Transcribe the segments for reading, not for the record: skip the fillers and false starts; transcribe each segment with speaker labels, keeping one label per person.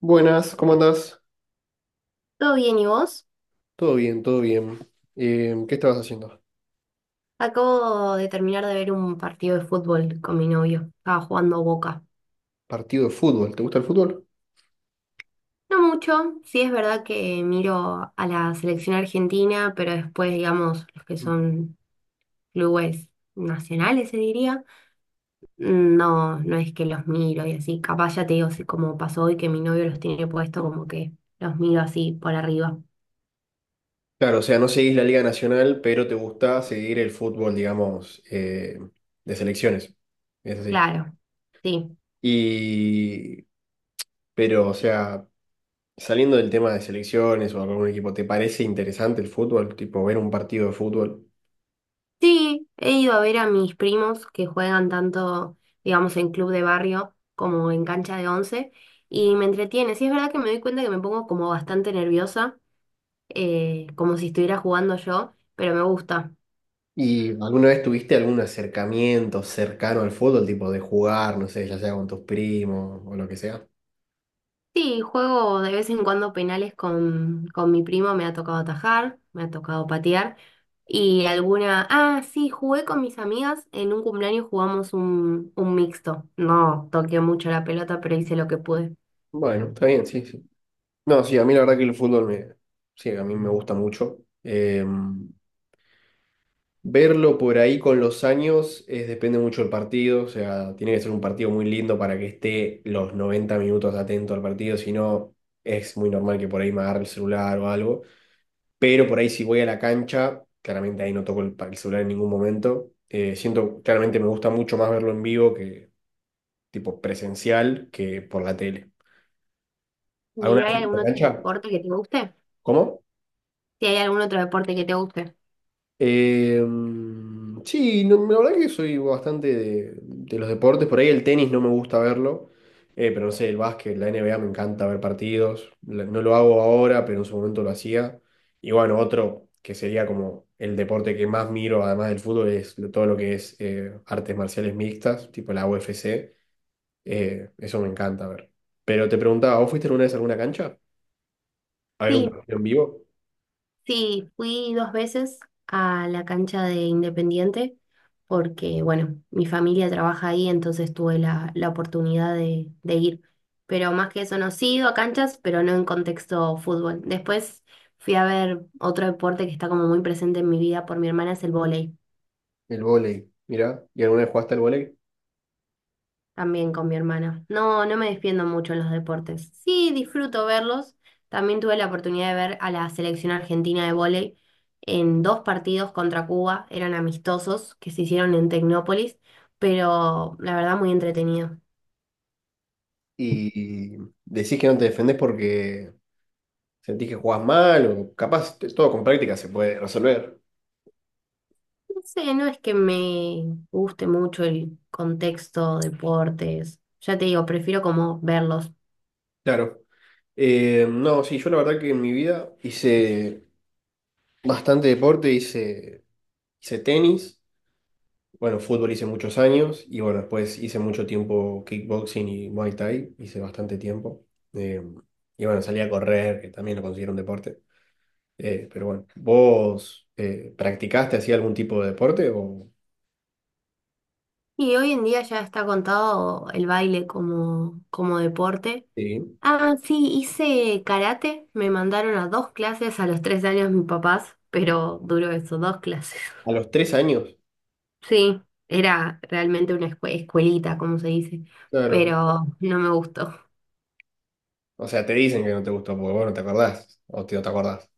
Speaker 1: Buenas, ¿cómo andás?
Speaker 2: ¿Todo bien y vos?
Speaker 1: Todo bien, todo bien. ¿Qué estabas haciendo?
Speaker 2: Acabo de terminar de ver un partido de fútbol con mi novio. Estaba jugando Boca.
Speaker 1: Partido de fútbol, ¿te gusta el fútbol?
Speaker 2: No mucho, sí es verdad que miro a la selección argentina, pero después, digamos, los que son clubes nacionales, se diría, no, no es que los miro y así. Capaz ya te digo, así como pasó hoy que mi novio los tiene puesto, como que los miro así por arriba.
Speaker 1: Claro, o sea, no seguís la Liga Nacional, pero te gusta seguir el fútbol, digamos, de selecciones. Es así.
Speaker 2: Claro, sí.
Speaker 1: Y, o sea, saliendo del tema de selecciones o algún equipo, ¿te parece interesante el fútbol? Tipo, ver un partido de fútbol.
Speaker 2: Sí, he ido a ver a mis primos que juegan tanto, digamos, en club de barrio como en cancha de 11 y me entretiene. Sí, es verdad que me doy cuenta que me pongo como bastante nerviosa, como si estuviera jugando yo, pero me gusta.
Speaker 1: ¿Y alguna vez tuviste algún acercamiento cercano al fútbol, tipo de jugar, no sé, ya sea con tus primos o lo que sea?
Speaker 2: Sí, juego de vez en cuando penales con mi primo, me ha tocado atajar, me ha tocado patear y Ah, sí, jugué con mis amigas, en un cumpleaños jugamos un mixto. No toqué mucho la pelota, pero hice lo que pude.
Speaker 1: Bueno, está bien, sí, sí. No, sí, a mí la verdad que el sí, a mí me gusta mucho. Verlo por ahí con los años es, depende mucho del partido, o sea, tiene que ser un partido muy lindo para que esté los 90 minutos atento al partido, si no es muy normal que por ahí me agarre el celular o algo. Pero por ahí si voy a la cancha, claramente ahí no toco el, el celular en ningún momento. Siento, claramente me gusta mucho más verlo en vivo, que tipo presencial, que por la tele.
Speaker 2: ¿Y
Speaker 1: ¿Alguna vez
Speaker 2: hay
Speaker 1: fuiste
Speaker 2: algún
Speaker 1: a la
Speaker 2: otro
Speaker 1: cancha?
Speaker 2: deporte que te guste?
Speaker 1: ¿Cómo?
Speaker 2: Si hay algún otro deporte que te guste.
Speaker 1: Sí, la verdad que soy bastante de los deportes. Por ahí el tenis no me gusta verlo, pero no sé, el básquet, la NBA me encanta ver partidos. No lo hago ahora, pero en su momento lo hacía. Y bueno, otro que sería como el deporte que más miro, además del fútbol, es todo lo que es artes marciales mixtas, tipo la UFC. Eso me encanta ver. Pero te preguntaba, ¿vos fuiste alguna vez a alguna cancha? ¿A ver un
Speaker 2: Sí,
Speaker 1: partido en vivo?
Speaker 2: sí, fui dos veces a la cancha de Independiente porque, bueno, mi familia trabaja ahí, entonces tuve la oportunidad de ir. Pero más que eso, no, sí he ido a canchas, pero no en contexto fútbol. Después fui a ver otro deporte que está como muy presente en mi vida por mi hermana, es el vóley.
Speaker 1: El vóley, mira. ¿Y alguna vez jugaste al vóley?
Speaker 2: También con mi hermana. No, no me defiendo mucho en los deportes. Sí, disfruto verlos. También tuve la oportunidad de ver a la selección argentina de vóley en dos partidos contra Cuba. Eran amistosos que se hicieron en Tecnópolis, pero la verdad muy entretenido.
Speaker 1: Y decís que no te defendés porque sentís que jugás mal, o capaz todo con práctica se puede resolver.
Speaker 2: No sé, no es que me guste mucho el contexto, deportes. Ya te digo, prefiero como verlos.
Speaker 1: Claro. No, sí, yo la verdad que en mi vida hice bastante hice tenis, bueno, fútbol hice muchos años y bueno, después hice mucho tiempo kickboxing y Muay Thai, hice bastante tiempo. Eh, y bueno, salí a correr, que también lo considero un deporte. Pero bueno, ¿vos practicaste así algún tipo de deporte o
Speaker 2: Y hoy en día ya está contado el baile como, como deporte.
Speaker 1: sí?
Speaker 2: Ah, sí, hice karate. Me mandaron a dos clases a los 3 años mis papás, pero duró eso, dos clases.
Speaker 1: A los 3 años.
Speaker 2: Sí, era realmente una escuelita, como se dice,
Speaker 1: Claro.
Speaker 2: pero no me gustó.
Speaker 1: O sea, te dicen que no te gustó porque vos no te acordás. No te acordás.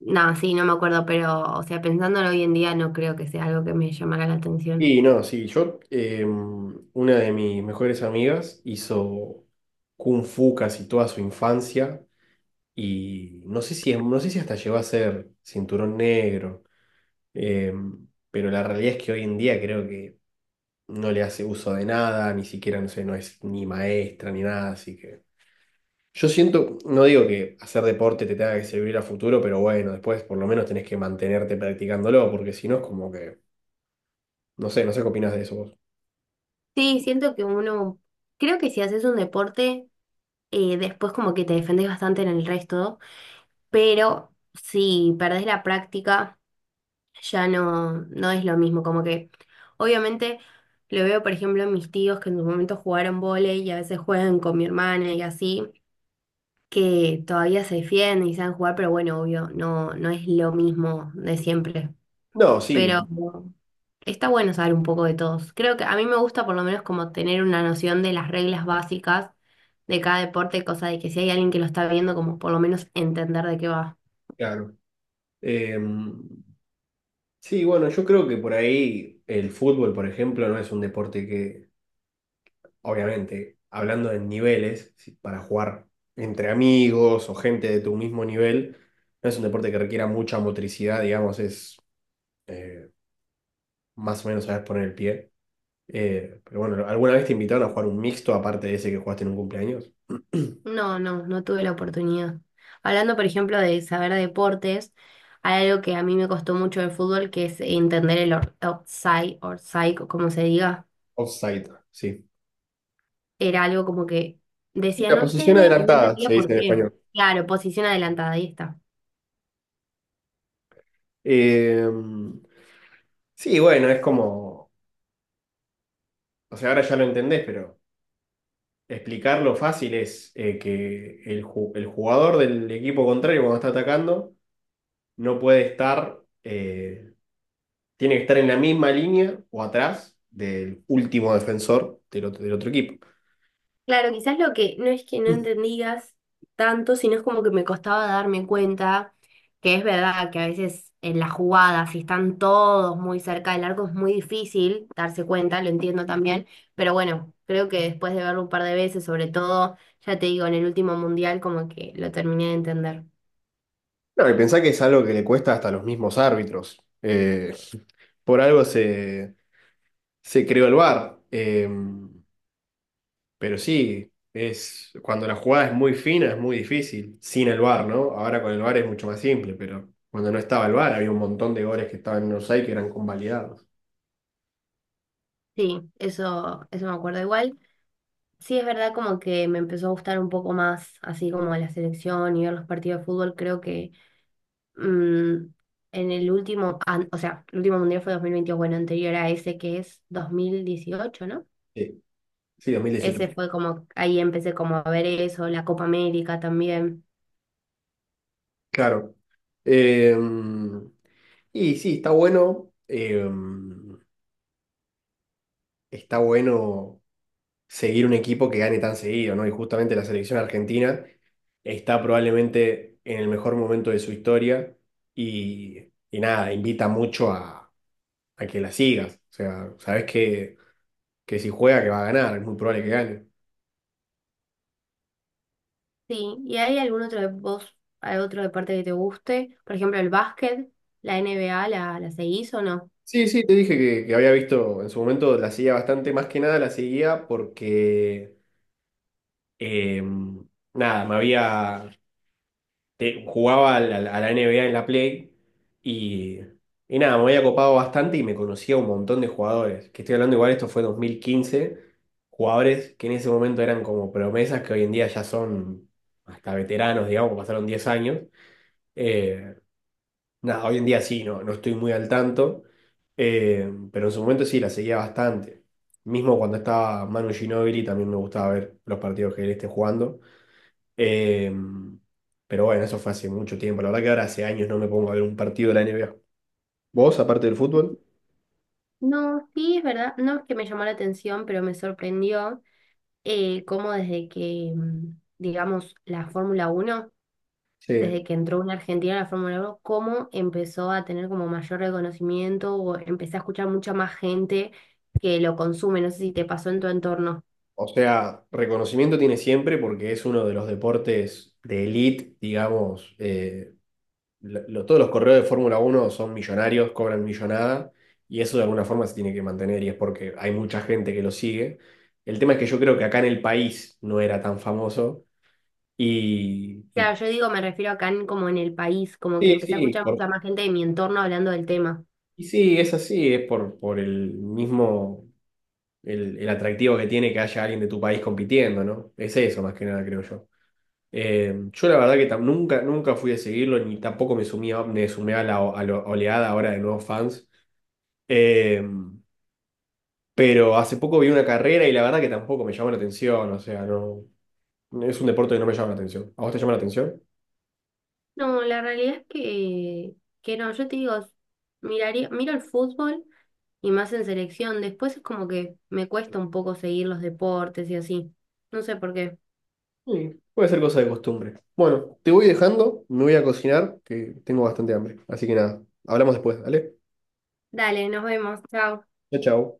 Speaker 2: No, sí, no me acuerdo, pero, o sea, pensándolo hoy en día, no creo que sea algo que me llamara la atención.
Speaker 1: Y no, sí, yo, una de mis mejores amigas hizo Kung Fu casi toda su infancia. Y no sé si hasta llegó a ser cinturón negro. eh, pero la realidad es que hoy en día creo que no le hace uso de nada, ni siquiera, no sé, no es ni maestra ni nada, así que. Yo siento, no digo que hacer deporte te tenga que servir a futuro, pero bueno, después por lo menos tenés que mantenerte practicándolo, porque si no es como que, no sé, no sé qué opinás de eso vos.
Speaker 2: Sí, siento que uno, creo que si haces un deporte, después como que te defendés bastante en el resto, pero si perdés la práctica ya no, no es lo mismo, como que obviamente lo veo, por ejemplo, en mis tíos que en su momento jugaron vóley y a veces juegan con mi hermana y así, que todavía se defienden y saben jugar, pero bueno, obvio, no, no es lo mismo de siempre.
Speaker 1: No, sí,
Speaker 2: Pero está bueno saber un poco de todos. Creo que a mí me gusta por lo menos como tener una noción de las reglas básicas de cada deporte, cosa de que si hay alguien que lo está viendo, como por lo menos entender de qué va.
Speaker 1: claro. Eh, sí, bueno, yo creo que por ahí el fútbol, por ejemplo, no es un deporte que, obviamente, hablando de niveles, para jugar entre amigos o gente de tu mismo nivel, no es un deporte que requiera mucha motricidad, digamos, es eh, más o menos saber poner el pie. Pero bueno, ¿alguna vez te invitaron a jugar un mixto aparte de ese que jugaste en un cumpleaños?
Speaker 2: No, no, no tuve la oportunidad. Hablando, por ejemplo, de saber deportes, hay algo que a mí me costó mucho del fútbol, que es entender el offside, side o como se diga.
Speaker 1: Offside, sí.
Speaker 2: Era algo como que
Speaker 1: Sí,
Speaker 2: decían
Speaker 1: la posición
Speaker 2: offside y no
Speaker 1: adelantada,
Speaker 2: entendía
Speaker 1: se
Speaker 2: por
Speaker 1: dice en
Speaker 2: qué.
Speaker 1: español.
Speaker 2: Claro, posición adelantada, ahí está.
Speaker 1: Eh, sí, bueno, es como, o sea, ahora ya lo entendés, pero explicarlo fácil es que el jugador del equipo contrario cuando está atacando no puede estar, tiene que estar en la misma línea o atrás del último defensor del otro equipo.
Speaker 2: Claro, quizás lo que no es que no entendías tanto, sino es como que me costaba darme cuenta que es verdad que a veces en las jugadas, si están todos muy cerca del arco, es muy difícil darse cuenta, lo entiendo también, pero bueno, creo que después de verlo un par de veces, sobre todo, ya te digo, en el último mundial, como que lo terminé de entender.
Speaker 1: No, y pensá que es algo que le cuesta hasta a los mismos árbitros. Por algo se creó el VAR. Pero sí, es, cuando la jugada es muy fina es muy difícil, sin el VAR, ¿no? Ahora con el VAR es mucho más simple, pero cuando no estaba el VAR había un montón de goles que estaban en offside que eran convalidados.
Speaker 2: Sí, eso me acuerdo igual. Sí, es verdad como que me empezó a gustar un poco más, así como la selección y ver los partidos de fútbol, creo que mm, en el último, o sea, el último mundial fue 2022, bueno, anterior a ese que es 2018, ¿no?
Speaker 1: Sí, sí, dos mil
Speaker 2: Ese
Speaker 1: dieciocho
Speaker 2: fue como, ahí empecé como a ver eso, la Copa América también.
Speaker 1: Claro. Eh, y sí, está bueno. Está bueno seguir un equipo que gane tan seguido, ¿no? Y justamente la selección argentina está probablemente en el mejor momento de su historia y, y nada, invita mucho a que la sigas. O sea, sabes que si juega que va a ganar, es muy probable que gane.
Speaker 2: Sí, ¿y hay algún otro de vos, hay otro deporte que te guste? Por ejemplo, el básquet, la NBA, ¿la seguís o no?
Speaker 1: Sí, sí, te dije que había visto en su momento, la seguía bastante, más que nada la seguía porque, eh, nada, jugaba a la NBA en la Play y, y nada, me había copado bastante y me conocía un montón de jugadores. Que estoy hablando igual, esto fue 2015, jugadores que en ese momento eran como promesas que hoy en día ya son hasta veteranos, digamos, pasaron 10 años. Eh, Nada, hoy en día sí, no, no estoy muy al tanto, pero en su momento sí, la seguía bastante. Mismo cuando estaba Manu Ginóbili también me gustaba ver los partidos que él esté jugando. Eh, pero bueno, eso fue hace mucho tiempo. La verdad que ahora hace años no me pongo a ver un partido de la NBA. ¿Vos, aparte del fútbol?
Speaker 2: No, sí, es verdad, no es que me llamó la atención, pero me sorprendió cómo desde que, digamos, la Fórmula 1
Speaker 1: Sí.
Speaker 2: desde que entró una argentina a la Fórmula 1 cómo empezó a tener como mayor reconocimiento o empecé a escuchar mucha más gente que lo consume. No sé si te pasó en tu entorno.
Speaker 1: O sea, reconocimiento tiene siempre porque es uno de los deportes de elite, digamos. Todos los correos de Fórmula uno son millonarios, cobran millonada y eso de alguna forma se tiene que mantener y es porque hay mucha gente que lo sigue. El tema es que yo creo que acá en el país no era tan famoso y... y-
Speaker 2: Claro, yo digo, me refiero acá como en el país, como que
Speaker 1: Sí,
Speaker 2: empecé a
Speaker 1: sí.
Speaker 2: escuchar mucha más gente de mi entorno hablando del tema.
Speaker 1: Y sí, es así, es por el el atractivo que tiene que haya alguien de tu país compitiendo, ¿no? Es eso más que nada, creo yo. Yo la verdad que nunca, nunca fui a seguirlo, ni tampoco me sumé a la, a la oleada ahora de nuevos fans. Eh, pero hace poco vi una carrera y la verdad que tampoco me llamó la atención, o sea, no, es un deporte que no me llama la atención. ¿A vos te llama la atención?
Speaker 2: No, la realidad es que, no, yo te digo, miraría, miro el fútbol y más en selección. Después es como que me cuesta un poco seguir los deportes y así. No sé por qué.
Speaker 1: Sí, puede ser cosa de costumbre. Bueno, te voy dejando, me voy a cocinar, que tengo bastante hambre. Así que nada, hablamos después, ¿vale?
Speaker 2: Dale, nos vemos. Chao.
Speaker 1: Chao, chao.